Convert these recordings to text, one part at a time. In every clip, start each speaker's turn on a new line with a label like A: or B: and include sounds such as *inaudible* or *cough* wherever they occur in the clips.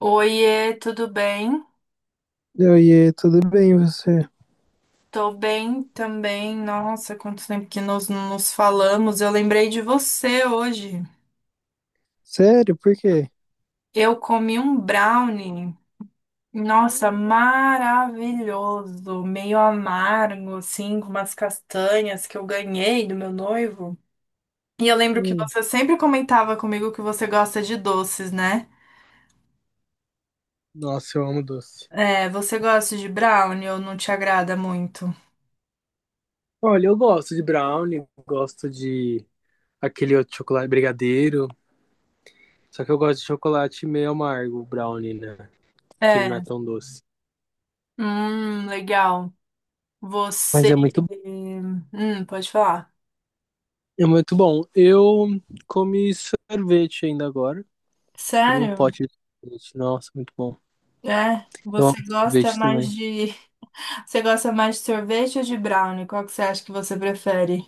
A: Oiê, tudo bem?
B: Oiê, tudo bem e você?
A: Tô bem também. Nossa, quanto tempo que nós não nos falamos. Eu lembrei de você hoje.
B: Sério, por quê?
A: Eu comi um brownie. Nossa, maravilhoso, meio amargo, assim, com umas castanhas que eu ganhei do meu noivo. E eu lembro que
B: Hum,
A: você sempre comentava comigo que você gosta de doces, né?
B: nossa, eu amo doce.
A: É, você gosta de brownie ou não te agrada muito?
B: Olha, eu gosto de brownie, gosto de aquele outro chocolate brigadeiro. Só que eu gosto de chocolate meio amargo, brownie, né? Que ele não é
A: É.
B: tão doce.
A: Legal.
B: Mas
A: Você.
B: é muito...
A: Pode falar.
B: É muito bom. Eu comi sorvete ainda agora. Comi um
A: Sério?
B: pote de sorvete. Nossa, muito bom.
A: É?
B: Eu
A: Você
B: amo
A: gosta
B: sorvete
A: mais
B: também.
A: de. *laughs* Você gosta mais de sorvete ou de brownie? Qual que você acha que você prefere?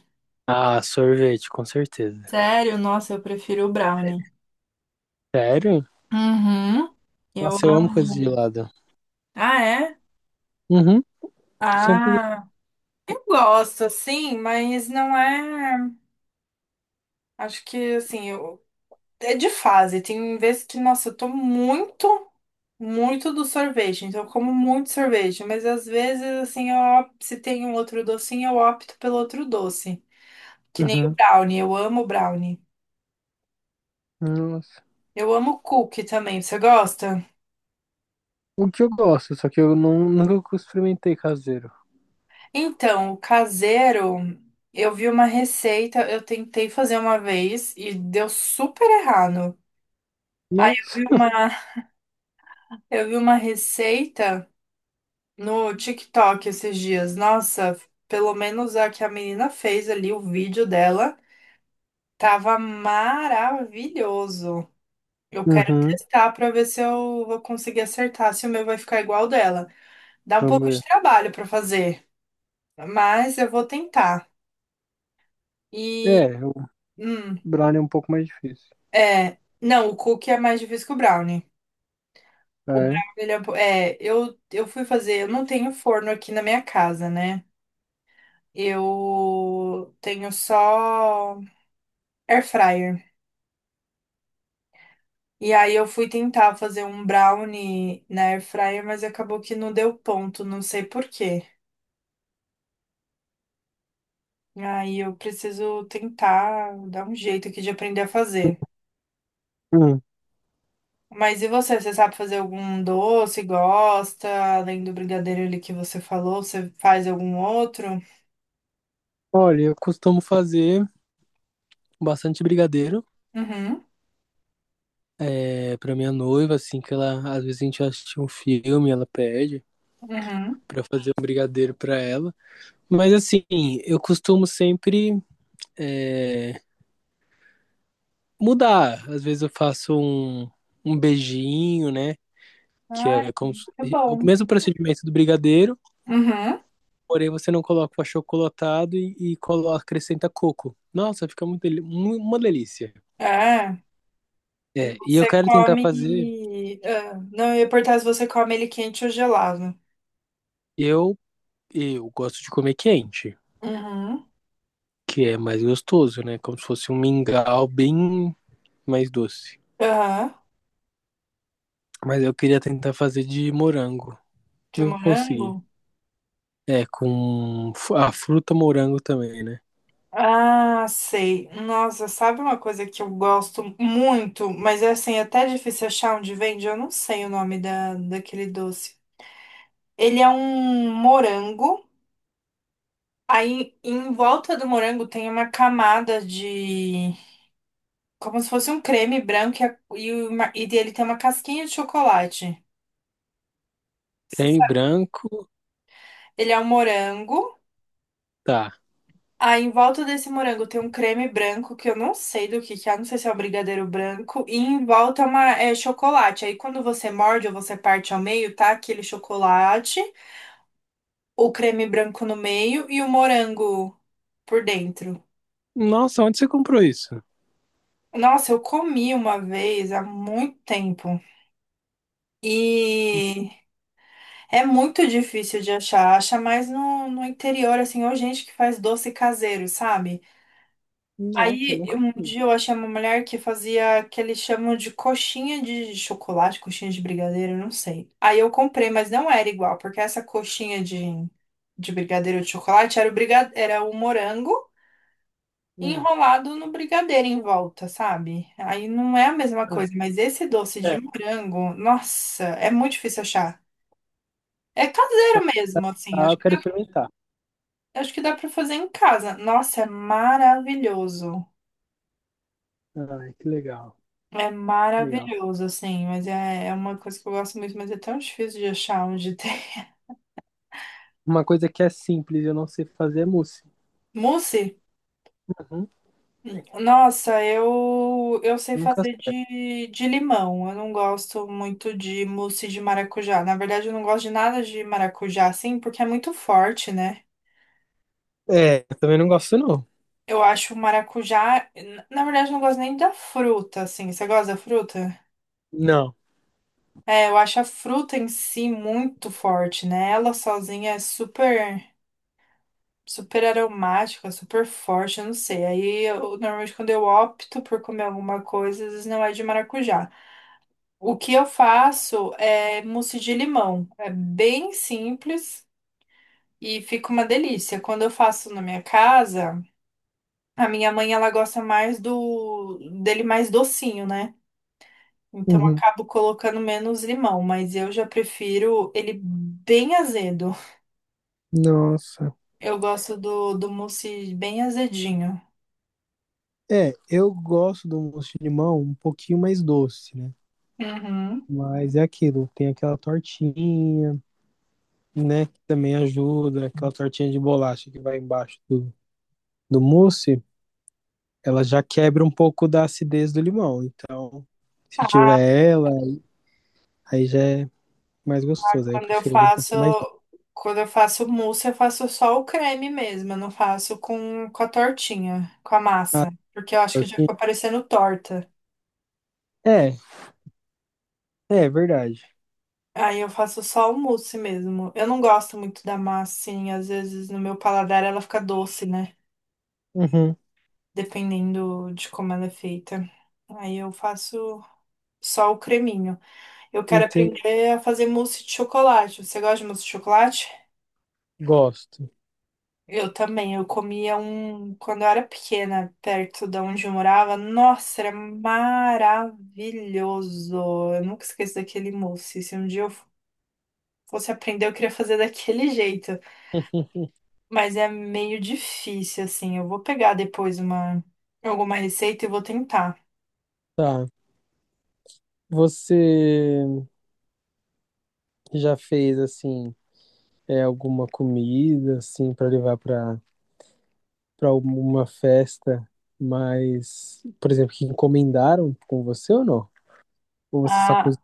B: Ah, sorvete, com certeza.
A: Sério? Nossa, eu prefiro o brownie.
B: Sério?
A: Uhum. Eu
B: Nossa, eu amo coisa de
A: amo.
B: gelada.
A: Ah, é?
B: Uhum, sempre.
A: Ah, eu gosto, assim, mas não é. Acho que, assim, eu é de fase. Tem vezes que, nossa, eu tô muito, muito do sorvete. Então, eu como muito sorvete. Mas às vezes, assim, eu, se tem um outro docinho, eu opto pelo outro doce. Que nem o
B: Uhum.
A: brownie. Eu amo brownie.
B: Nossa.
A: Eu amo cookie também. Você gosta?
B: O que eu gosto, só que eu não, nunca experimentei caseiro.
A: Então, o caseiro, eu vi uma receita, eu tentei fazer uma vez e deu super errado. Aí eu vi
B: Nossa.
A: uma, *laughs* eu vi uma receita no TikTok esses dias. Nossa, pelo menos a que a menina fez ali, o vídeo dela, tava maravilhoso. Eu quero
B: Uhum.
A: testar pra ver se eu vou conseguir acertar, se o meu vai ficar igual ao dela. Dá um
B: Vamos
A: pouco
B: ver.
A: de trabalho pra fazer, mas eu vou tentar. E,
B: É, o
A: hum,
B: brownie é um pouco mais difícil.
A: é, não, o cookie é mais difícil que o brownie. O brownie,
B: É.
A: ele é, é, eu fui fazer, eu não tenho forno aqui na minha casa, né? Eu tenho só air fryer. E aí eu fui tentar fazer um brownie na air fryer, mas acabou que não deu ponto, não sei por quê. Aí eu preciso tentar dar um jeito aqui de aprender a fazer.
B: Hum.
A: Mas e você? Você sabe fazer algum doce? Gosta? Além do brigadeiro ali que você falou, você faz algum outro?
B: Olha, eu costumo fazer bastante brigadeiro.
A: Uhum,
B: É, pra minha noiva, assim, que ela às vezes a gente assiste um filme, ela pede
A: uhum.
B: pra eu fazer um brigadeiro pra ela. Mas assim, eu costumo sempre é, mudar. Às vezes eu faço um beijinho, né? Que
A: Ai,
B: é como se-
A: é
B: O
A: bom.
B: mesmo procedimento do brigadeiro.
A: Uhum.
B: Porém, você não coloca o achocolatado e coloca, acrescenta coco. Nossa, fica muito, uma delícia.
A: É,
B: É, e eu
A: você
B: quero tentar fazer.
A: come. Ah, não, eu ia perguntar se você come ele quente ou gelado.
B: Eu, eu gosto de comer quente,
A: Uhum.
B: que é mais gostoso, né? Como se fosse um mingau bem mais doce.
A: Aham.
B: Mas eu queria tentar fazer de morango.
A: De
B: Não
A: morango?
B: consegui. É, com a fruta morango também, né?
A: Ah, sei. Nossa, sabe uma coisa que eu gosto muito, mas é assim, é até difícil achar onde vende? Eu não sei o nome daquele doce. Ele é um morango, aí em volta do morango tem uma camada de. Como se fosse um creme branco e ele tem uma casquinha de chocolate. Você
B: Creme
A: sabe?
B: branco,
A: Ele é um morango.
B: tá.
A: Aí em volta desse morango tem um creme branco que eu não sei do que é, não sei se é o brigadeiro branco, e em volta é uma, é chocolate. Aí quando você morde ou você parte ao meio, tá aquele chocolate, o creme branco no meio e o morango por dentro.
B: Nossa, onde você comprou isso?
A: Nossa, eu comi uma vez há muito tempo e é muito difícil de achar. Acha mais no interior, assim, ou gente que faz doce caseiro, sabe?
B: Nossa, eu
A: Aí,
B: nunca
A: um
B: fiz.
A: dia eu achei uma mulher que fazia que eles chamam de coxinha de chocolate, coxinha de brigadeiro, eu não sei. Aí eu comprei, mas não era igual, porque essa de brigadeiro de chocolate era era o morango
B: Hum.
A: enrolado no brigadeiro em volta, sabe? Aí não é a mesma
B: Ah,
A: coisa, mas esse doce de
B: é.
A: morango, nossa, é muito difícil achar. É caseiro mesmo, assim,
B: Ah, eu quero experimentar.
A: acho que dá pra fazer em casa. Nossa, é maravilhoso.
B: Ai, que legal,
A: É
B: que legal.
A: maravilhoso, assim, mas é uma coisa que eu gosto muito, mas é tão difícil de achar onde *laughs* tem.
B: Uma coisa que é simples, eu não sei fazer é mousse.
A: Mousse?
B: Uhum.
A: Nossa, eu sei
B: Nunca
A: fazer
B: acerto.
A: de limão. Eu não gosto muito de mousse de maracujá. Na verdade, eu não gosto de nada de maracujá, assim, porque é muito forte, né?
B: É, eu também não gosto, não.
A: Eu acho o maracujá. Na verdade, eu não gosto nem da fruta, assim. Você gosta da fruta?
B: Não.
A: É, eu acho a fruta em si muito forte, né? Ela sozinha é super. Super aromática, super forte, eu não sei. Aí, eu, normalmente, quando eu opto por comer alguma coisa, às vezes não é de maracujá. O que eu faço é mousse de limão. É bem simples e fica uma delícia. Quando eu faço na minha casa, a minha mãe, ela gosta mais do dele mais docinho, né? Então, eu
B: Uhum.
A: acabo colocando menos limão, mas eu já prefiro ele bem azedo.
B: Nossa.
A: Eu gosto do mousse bem azedinho.
B: É, eu gosto do mousse de limão um pouquinho mais doce, né?
A: Uhum.
B: Mas é aquilo, tem aquela tortinha, né? Que também ajuda, aquela tortinha de bolacha que vai embaixo do mousse, ela já quebra um pouco da acidez do limão. Então, se tiver ela, aí já é mais gostoso. Aí eu
A: Quando eu
B: prefiro ele um
A: faço,
B: pouquinho mais doce.
A: quando eu faço mousse, eu faço só o creme mesmo, eu não faço com a tortinha, com a
B: Ah,
A: massa, porque eu acho que já
B: tortinha.
A: ficou parecendo torta.
B: É, é verdade.
A: Aí eu faço só o mousse mesmo. Eu não gosto muito da massa, assim, às vezes no meu paladar ela fica doce, né?
B: Uhum,
A: Dependendo de como ela é feita. Aí eu faço só o creminho. Eu quero
B: entendi.
A: aprender a fazer mousse de chocolate. Você gosta de mousse de chocolate?
B: Gosto.
A: Eu também, eu comia um quando eu era pequena, perto de onde eu morava. Nossa, era maravilhoso. Eu nunca esqueço daquele mousse. Se um dia eu fosse aprender, eu queria fazer daquele *laughs* jeito.
B: *laughs*
A: Mas é meio difícil, assim. Eu vou pegar depois uma alguma receita e vou tentar.
B: Tá. Você já fez assim, alguma comida assim para levar para alguma festa, mas, por exemplo, que encomendaram com você ou não? Ou você só
A: Ah,
B: cozinha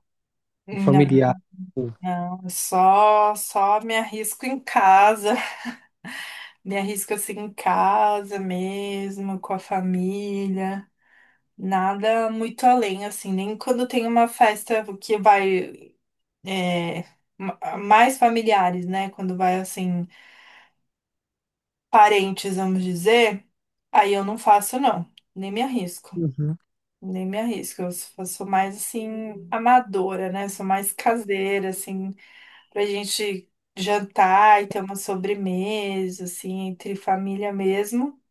A: não,
B: familiar? Assim?
A: não. Só me arrisco em casa. *laughs* Me arrisco assim em casa mesmo, com a família. Nada muito além, assim, nem quando tem uma festa que vai é, mais familiares, né? Quando vai assim, parentes, vamos dizer, aí eu não faço, não, nem me arrisco,
B: Uhum,
A: nem me arrisco. Eu sou mais assim, amadora, né? Sou mais caseira, assim, pra gente jantar e ter uma sobremesa, assim, entre família mesmo.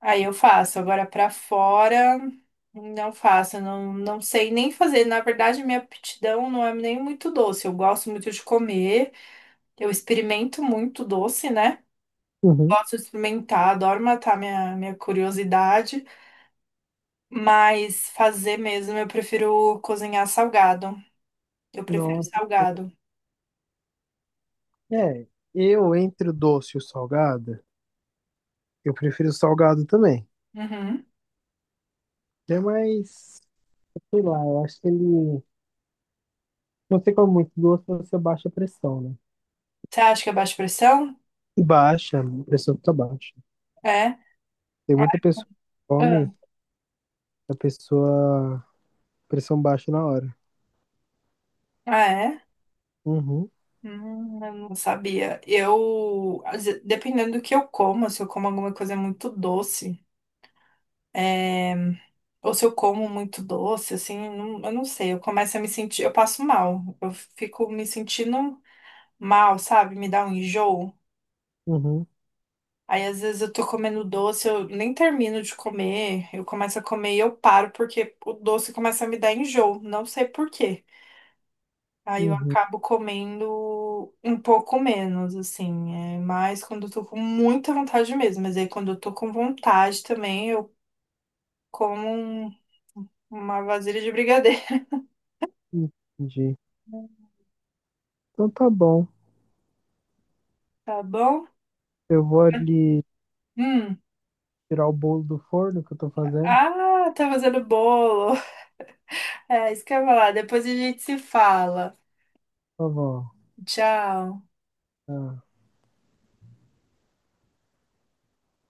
A: Aí eu faço. Agora pra fora, não faço. Não, não sei nem fazer. Na verdade, minha aptidão não é nem muito doce. Eu gosto muito de comer. Eu experimento muito doce, né?
B: uhum.
A: Gosto de experimentar, adoro matar minha curiosidade. Mas fazer mesmo, eu prefiro cozinhar salgado. Eu prefiro
B: Nossa.
A: salgado.
B: É, eu entre o doce e o salgado, eu prefiro o salgado também.
A: Uhum.
B: É mais, sei lá, eu acho que ele... Você come muito doce, você baixa a pressão, né?
A: Você acha que é baixa pressão?
B: E baixa, a pressão fica baixa.
A: É.
B: Tem muita pessoa que
A: Ah,
B: come, a pessoa, pressão baixa na hora.
A: ah, é?
B: Uhum,
A: Eu não sabia. Eu, dependendo do que eu como, se eu como alguma coisa muito doce, é, ou se eu como muito doce, assim, eu não sei, eu começo a me sentir, eu passo mal, eu fico me sentindo mal, sabe? Me dá um enjoo.
B: uhum,
A: Aí, às vezes, eu tô comendo doce, eu nem termino de comer, eu começo a comer e eu paro, porque o doce começa a me dar enjoo, não sei por quê. Aí eu
B: uhum,
A: acabo comendo um pouco menos, assim. É mais quando eu tô com muita vontade mesmo. Mas aí quando eu tô com vontade também, eu como um- uma vasilha de brigadeiro,
B: entendi.
A: *laughs*
B: Então tá bom.
A: tá bom?
B: Eu vou ali
A: Hum.
B: tirar o bolo do forno que eu tô fazendo.
A: Ah, tá fazendo bolo. *laughs* É, isso que eu ia falar. Depois a gente se fala.
B: Por favor.
A: Tchau.
B: Tá.